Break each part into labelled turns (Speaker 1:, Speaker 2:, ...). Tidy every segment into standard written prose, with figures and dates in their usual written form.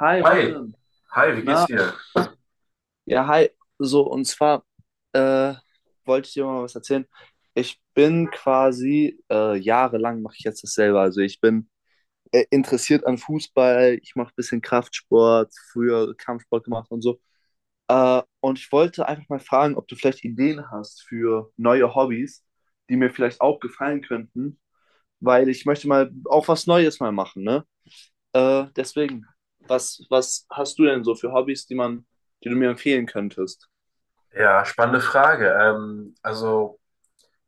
Speaker 1: Hi
Speaker 2: Hi,
Speaker 1: Robin,
Speaker 2: hi, wie geht's
Speaker 1: na,
Speaker 2: dir?
Speaker 1: ja, hi. So, und zwar äh, wollte ich dir mal was erzählen. Ich bin quasi jahrelang mache ich jetzt dasselbe. Also ich bin interessiert an Fußball, ich mache ein bisschen Kraftsport, früher Kampfsport gemacht und so. Und ich wollte einfach mal fragen, ob du vielleicht Ideen hast für neue Hobbys, die mir vielleicht auch gefallen könnten, weil ich möchte mal auch was Neues mal machen, ne? Äh, deswegen, was hast du denn so für Hobbys, die du mir empfehlen könntest?
Speaker 2: Ja, spannende Frage. Also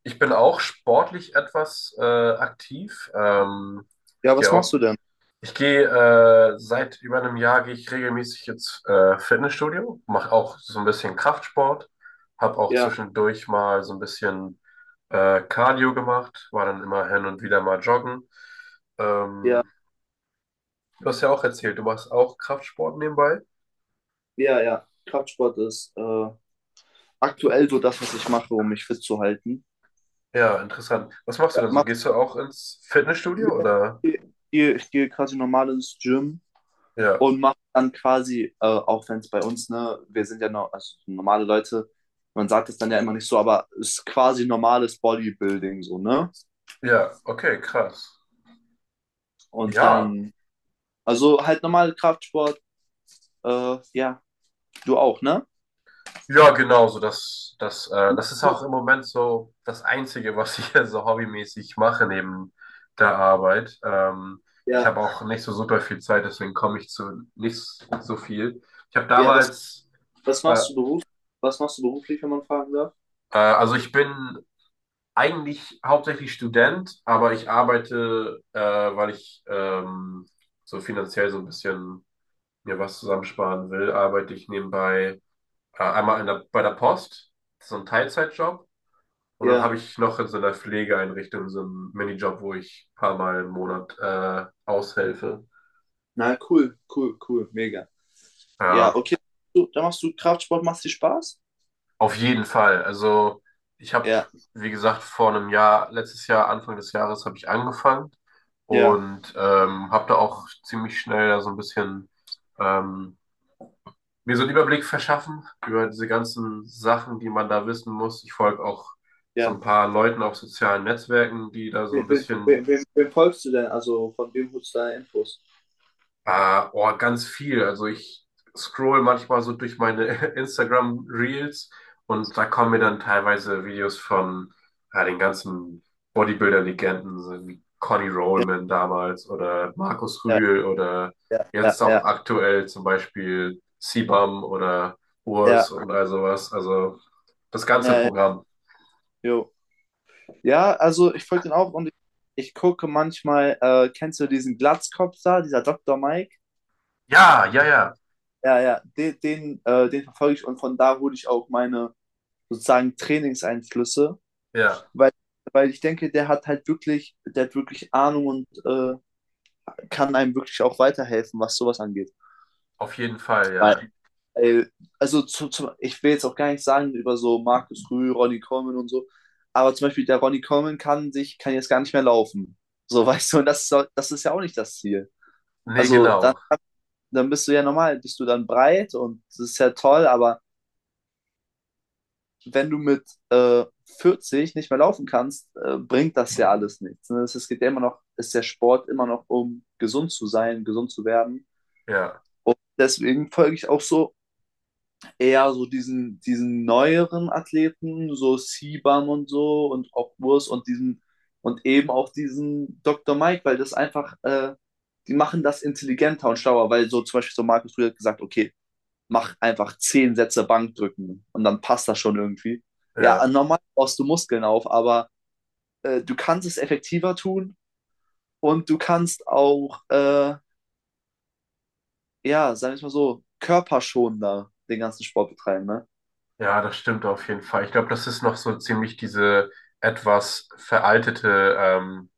Speaker 2: ich bin auch sportlich etwas aktiv.
Speaker 1: Ja,
Speaker 2: Ich
Speaker 1: was
Speaker 2: gehe
Speaker 1: machst
Speaker 2: auch,
Speaker 1: du denn?
Speaker 2: ich gehe seit über einem Jahr gehe ich regelmäßig ins Fitnessstudio, mache auch so ein bisschen Kraftsport, habe auch
Speaker 1: Ja,
Speaker 2: zwischendurch mal so ein bisschen Cardio gemacht, war dann immer hin und wieder mal joggen.
Speaker 1: ja,
Speaker 2: Ähm, du hast ja auch erzählt, du machst auch Kraftsport nebenbei.
Speaker 1: ja, ja. Kraftsport ist aktuell so das, was ich mache, um mich fit zu halten.
Speaker 2: Ja, interessant. Was machst du
Speaker 1: Ja,
Speaker 2: denn so? Gehst du auch ins Fitnessstudio oder?
Speaker 1: ich ich gehe quasi normal ins Gym
Speaker 2: Ja,
Speaker 1: und mache dann quasi, auch wenn es bei uns, ne, wir sind ja noch, also normale Leute, man sagt es dann ja immer nicht so, aber es ist quasi normales Bodybuilding so, ne?
Speaker 2: ja, okay, krass.
Speaker 1: Und
Speaker 2: Ja,
Speaker 1: dann, also halt normal Kraftsport, ja. Du auch, ne?
Speaker 2: ja, genau so. Das ist auch im Moment so das Einzige, was ich so hobbymäßig mache neben der Arbeit. Ich
Speaker 1: Ja,
Speaker 2: habe auch nicht so super viel Zeit, deswegen komme ich zu nicht so viel. Ich habe
Speaker 1: ja,
Speaker 2: damals,
Speaker 1: was
Speaker 2: äh,
Speaker 1: machst du beruf, was machst du beruflich, wenn man fragen darf?
Speaker 2: also ich bin eigentlich hauptsächlich Student, aber ich arbeite, weil ich so finanziell so ein bisschen mir was zusammensparen will, arbeite ich nebenbei einmal bei der Post, so ein Teilzeitjob. Und dann habe
Speaker 1: Ja,
Speaker 2: ich noch in so einer Pflegeeinrichtung so einen Minijob, wo ich ein paar Mal im Monat aushelfe.
Speaker 1: na cool, cool, cool, mega. Ja,
Speaker 2: Ja,
Speaker 1: okay. Du, dann machst du Kraftsport, machst dir Spaß?
Speaker 2: auf jeden Fall. Also ich habe,
Speaker 1: Ja,
Speaker 2: wie gesagt, vor einem Jahr, letztes Jahr, Anfang des Jahres, habe ich angefangen
Speaker 1: ja,
Speaker 2: und habe da auch ziemlich schnell da so ein bisschen ähm, mir so einen Überblick verschaffen über diese ganzen Sachen, die man da wissen muss. Ich folge auch so ein
Speaker 1: ja.
Speaker 2: paar Leuten auf sozialen Netzwerken, die da so ein
Speaker 1: Wem, wem,
Speaker 2: bisschen,
Speaker 1: wem, wem- wem folgst du denn? Also von wem holst du deine Infos?
Speaker 2: oh, ganz viel. Also ich scroll manchmal so durch meine Instagram Reels und da kommen mir dann teilweise Videos von ja, den ganzen Bodybuilder-Legenden, so wie Conny Rollman damals oder Markus
Speaker 1: Ja,
Speaker 2: Rühl oder
Speaker 1: ja, ja,
Speaker 2: jetzt
Speaker 1: ja,
Speaker 2: auch
Speaker 1: ja,
Speaker 2: aktuell zum Beispiel Sibam oder Urs
Speaker 1: ja,
Speaker 2: und all sowas. Also, das ganze
Speaker 1: ja, ja,
Speaker 2: Programm.
Speaker 1: jo. Ja, also ich folge den auch und ich gucke manchmal, kennst du diesen Glatzkopf da, dieser Doktor Mike?
Speaker 2: Ja, ja, ja,
Speaker 1: Ja, ja, den verfolge ich und von da hole ich auch meine sozusagen Trainingseinflüsse,
Speaker 2: ja,
Speaker 1: weil, weil ich denke, der hat wirklich Ahnung und kann einem wirklich auch weiterhelfen, was sowas angeht.
Speaker 2: auf jeden Fall,
Speaker 1: Weil,
Speaker 2: ja.
Speaker 1: weil also ich will jetzt auch gar nicht sagen über so Markus Rühl, Ronny Coleman und so, aber zum Beispiel der Ronny Coleman kann jetzt gar nicht mehr laufen. So, weißt du, und das ist ja auch nicht das Ziel.
Speaker 2: Nee,
Speaker 1: Also dann,
Speaker 2: genau.
Speaker 1: dann bist du ja normal, bist du dann breit und das ist ja toll, aber wenn du mit äh, 40 nicht mehr laufen kannst, bringt das ja alles nichts. Ne? Es geht ja immer noch, ist der Sport immer noch um gesund zu sein, gesund zu werden.
Speaker 2: Ja,
Speaker 1: Und deswegen folge ich auch so eher so diesen neueren Athleten, so Sibam und so und auch Urs und diesen und eben auch diesen Dr. Mike, weil das einfach, die machen das intelligenter und schlauer, weil so zum Beispiel so Markus früher hat gesagt, okay, mach einfach 10 Sätze Bankdrücken und dann passt das schon irgendwie. Ja,
Speaker 2: ja,
Speaker 1: normal baust du Muskeln auf, aber du kannst es effektiver tun und du kannst auch, ja, sagen wir es mal so, körperschonender den ganzen Sport betreiben, ne?
Speaker 2: ja, das stimmt auf jeden Fall. Ich glaube, das ist noch so ziemlich diese etwas veraltete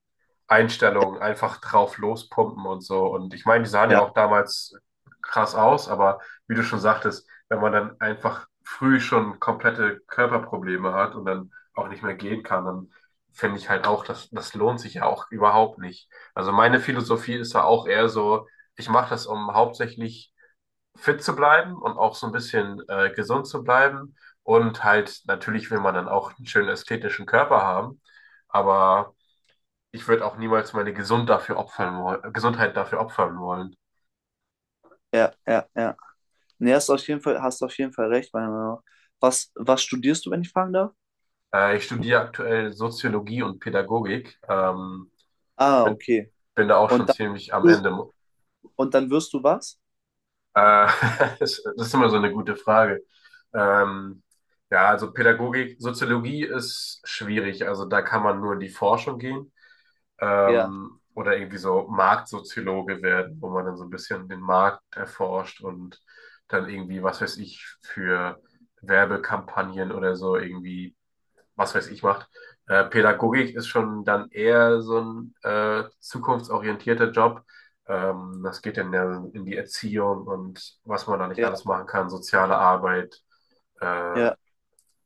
Speaker 2: Einstellung, einfach drauf lospumpen und so. Und ich meine, die sahen ja
Speaker 1: Ja,
Speaker 2: auch damals krass aus, aber wie du schon sagtest, wenn man dann einfach früh schon komplette Körperprobleme hat und dann auch nicht mehr gehen kann, dann finde ich halt auch, das, das lohnt sich ja auch überhaupt nicht. Also meine Philosophie ist ja auch eher so, ich mache das, um hauptsächlich fit zu bleiben und auch so ein bisschen gesund zu bleiben. Und halt, natürlich will man dann auch einen schönen ästhetischen Körper haben, aber ich würde auch niemals meine Gesund dafür opfern wollen, Gesundheit dafür opfern wollen.
Speaker 1: ja, ja, ja. Nee, hast du auf jeden Fall recht, meiner Meinung nach. Was studierst du, wenn ich fragen darf?
Speaker 2: Ich studiere aktuell Soziologie und Pädagogik.
Speaker 1: Ah,
Speaker 2: Bin,
Speaker 1: okay.
Speaker 2: bin da auch schon
Speaker 1: Und dann,
Speaker 2: ziemlich am Ende.
Speaker 1: und dann wirst du was?
Speaker 2: Äh, das ist immer so eine gute Frage. Ähm, ja, also Pädagogik, Soziologie ist schwierig. Also da kann man nur in die Forschung gehen.
Speaker 1: Ja,
Speaker 2: Oder irgendwie so Marktsoziologe werden, wo man dann so ein bisschen den Markt erforscht und dann irgendwie, was weiß ich, für Werbekampagnen oder so irgendwie, was weiß ich, macht. Pädagogik ist schon dann eher so ein zukunftsorientierter Job. Das geht dann ja in die Erziehung und was man da nicht
Speaker 1: ja,
Speaker 2: alles machen kann, soziale Arbeit, äh,
Speaker 1: ja,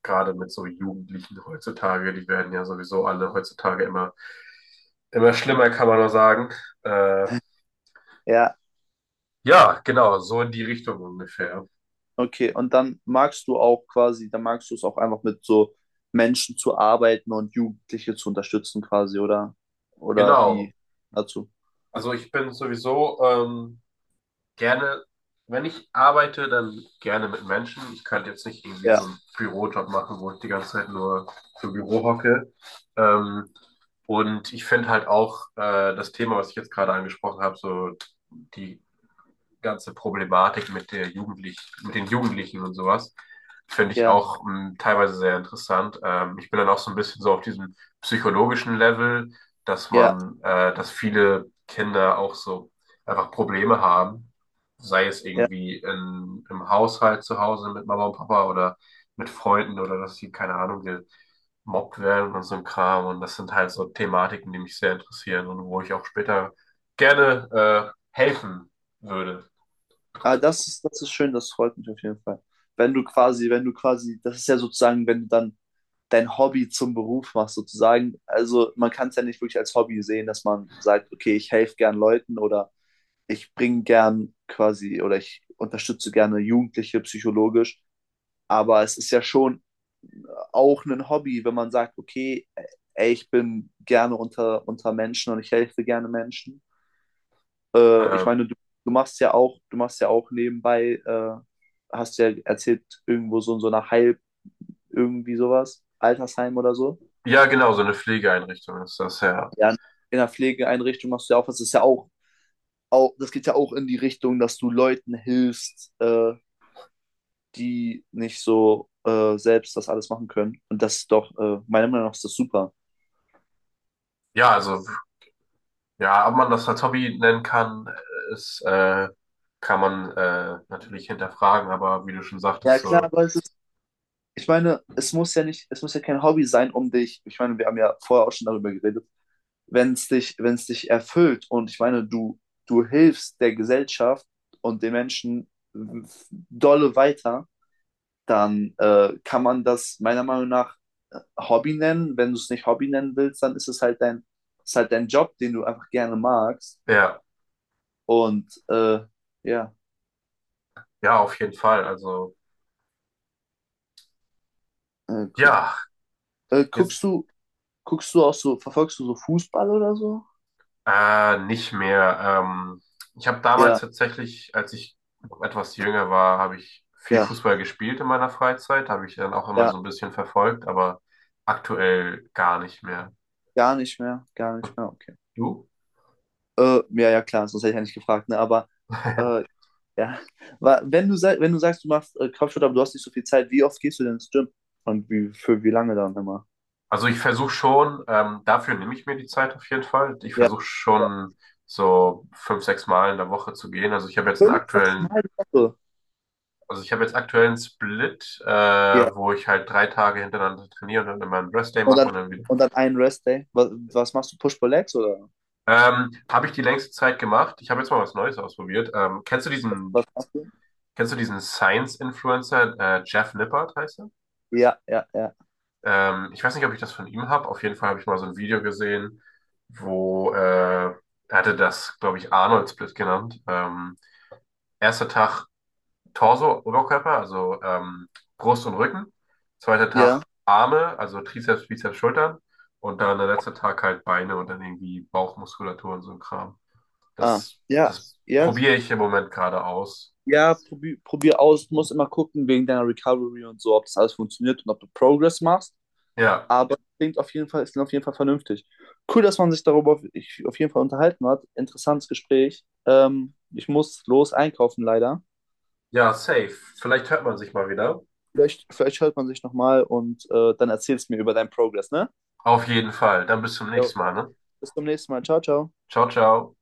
Speaker 2: gerade mit so Jugendlichen heutzutage, die werden ja sowieso alle heutzutage immer, immer schlimmer, kann man nur sagen. Äh,
Speaker 1: ja.
Speaker 2: ja, genau, so in die Richtung ungefähr.
Speaker 1: Okay, und dann magst du es auch einfach mit so Menschen zu arbeiten und Jugendliche zu unterstützen quasi, oder? Oder
Speaker 2: Genau.
Speaker 1: wie dazu?
Speaker 2: Also ich bin sowieso gerne, wenn ich arbeite, dann gerne mit Menschen. Ich könnte jetzt nicht irgendwie
Speaker 1: Ja,
Speaker 2: so einen Bürojob machen, wo ich die ganze Zeit nur im Büro hocke. Ähm, und ich finde halt auch das Thema, was ich jetzt gerade angesprochen habe, so die ganze Problematik mit den Jugendlichen und sowas, finde ich
Speaker 1: ja,
Speaker 2: auch teilweise sehr interessant. Ich bin dann auch so ein bisschen so auf diesem psychologischen Level, dass
Speaker 1: ja,
Speaker 2: man, äh, dass viele Kinder auch so einfach Probleme haben, sei es
Speaker 1: ja.
Speaker 2: irgendwie im Haushalt zu Hause mit Mama und Papa oder mit Freunden oder dass sie, keine Ahnung, gemobbt werden und so ein Kram. Und das sind halt so Thematiken, die mich sehr interessieren und wo ich auch später gerne helfen würde.
Speaker 1: Ah, das ist schön, das freut mich auf jeden Fall. Wenn du quasi, wenn du quasi, das ist ja sozusagen, wenn du dann dein Hobby zum Beruf machst, sozusagen. Also man kann es ja nicht wirklich als Hobby sehen, dass man sagt, okay, ich helfe gern Leuten oder ich bringe gern quasi oder ich unterstütze gerne Jugendliche psychologisch. Aber es ist ja schon auch ein Hobby, wenn man sagt, okay, ey, ich bin gerne unter Menschen und ich helfe gerne Menschen. Ich
Speaker 2: Ähm,
Speaker 1: meine, du machst ja auch, nebenbei, hast ja erzählt, irgendwo so in so einer Heil, irgendwie sowas, Altersheim oder so.
Speaker 2: ja, genau, so eine Pflegeeinrichtung ist das ja.
Speaker 1: Ja, in der Pflegeeinrichtung machst du ja auch was. Das geht ja auch in die Richtung, dass du Leuten hilfst, die nicht so selbst das alles machen können. Und das ist doch, meiner Meinung nach ist das super.
Speaker 2: Ja, also, ja, ob man das als Hobby nennen kann, ist, äh, kann man natürlich hinterfragen, aber wie du schon
Speaker 1: Ja,
Speaker 2: sagtest,
Speaker 1: klar,
Speaker 2: so,
Speaker 1: weißt du, ich meine, es muss ja kein Hobby sein, um dich, ich meine, wir haben ja vorher auch schon darüber geredet, wenn es dich erfüllt und ich meine, du hilfst der Gesellschaft und den Menschen dolle weiter, dann kann man das meiner Meinung nach Hobby nennen. Wenn du es nicht Hobby nennen willst, dann ist halt dein Job, den du einfach gerne magst.
Speaker 2: ja,
Speaker 1: Und ja,
Speaker 2: ja, auf jeden Fall. Also,
Speaker 1: cool.
Speaker 2: ja,
Speaker 1: Äh,
Speaker 2: jetzt
Speaker 1: guckst du, guckst du auch so, verfolgst du so Fußball oder so?
Speaker 2: nicht mehr. Ich habe
Speaker 1: Ja,
Speaker 2: damals tatsächlich, als ich noch etwas jünger war, habe ich viel
Speaker 1: ja,
Speaker 2: Fußball gespielt in meiner Freizeit, habe ich dann auch immer
Speaker 1: ja.
Speaker 2: so ein bisschen verfolgt, aber aktuell gar nicht mehr.
Speaker 1: Gar nicht mehr, okay.
Speaker 2: Du?
Speaker 1: Ja, ja, klar, sonst hätte ich ja nicht gefragt, ne? Aber äh, ja, wenn du sagst, du machst Kampfsport, aber du hast nicht so viel Zeit, wie oft gehst du denn ins Gym? Und für wie lange dann immer?
Speaker 2: Also ich versuche schon, dafür nehme ich mir die Zeit auf jeden Fall. Ich
Speaker 1: Ja,
Speaker 2: versuche
Speaker 1: ja.
Speaker 2: schon so 5, 6 Mal in der Woche zu gehen. Also ich habe jetzt einen
Speaker 1: Fünf, sechs
Speaker 2: aktuellen,
Speaker 1: Mal die Woche.
Speaker 2: also ich habe jetzt aktuellen Split,
Speaker 1: Ja.
Speaker 2: wo ich halt 3 Tage hintereinander trainiere und dann immer einen Rest Day
Speaker 1: Und
Speaker 2: mache
Speaker 1: dann,
Speaker 2: und dann wieder.
Speaker 1: und dann einen Restday. Was machst du? Push-Pull-Legs oder
Speaker 2: Habe ich die längste Zeit gemacht. Ich habe jetzt mal was Neues ausprobiert. Ähm, kennst du
Speaker 1: was
Speaker 2: diesen,
Speaker 1: machst du?
Speaker 2: kennst du diesen Science-Influencer, Jeff Nippert heißt er?
Speaker 1: Ja, ja, ja.
Speaker 2: Ich weiß nicht, ob ich das von ihm habe. Auf jeden Fall habe ich mal so ein Video gesehen, wo er hatte das, glaube ich, Arnold-Split genannt. Erster Tag Torso, Oberkörper, also Brust und Rücken. Zweiter
Speaker 1: Ja,
Speaker 2: Tag Arme, also Trizeps, Bizeps, Schultern. Und dann der letzte Tag halt Beine und dann irgendwie Bauchmuskulatur und so ein Kram.
Speaker 1: ah,
Speaker 2: Das,
Speaker 1: ja,
Speaker 2: das
Speaker 1: ja.
Speaker 2: probiere ich im Moment gerade aus.
Speaker 1: Ja, probier, probier aus. Du musst immer gucken wegen deiner Recovery und so, ob das alles funktioniert und ob du Progress machst.
Speaker 2: Ja,
Speaker 1: Aber klingt auf jeden Fall, es klingt auf jeden Fall vernünftig. Cool, dass man sich darüber auf jeden Fall unterhalten hat. Interessantes Gespräch. Ich muss los einkaufen, leider.
Speaker 2: ja, safe. Vielleicht hört man sich mal wieder.
Speaker 1: Vielleicht hört man sich nochmal und dann erzählst du mir über deinen Progress, ne?
Speaker 2: Auf jeden Fall. Dann bis zum
Speaker 1: Jo,
Speaker 2: nächsten Mal, ne?
Speaker 1: bis zum nächsten Mal. Ciao, ciao.
Speaker 2: Ciao, ciao.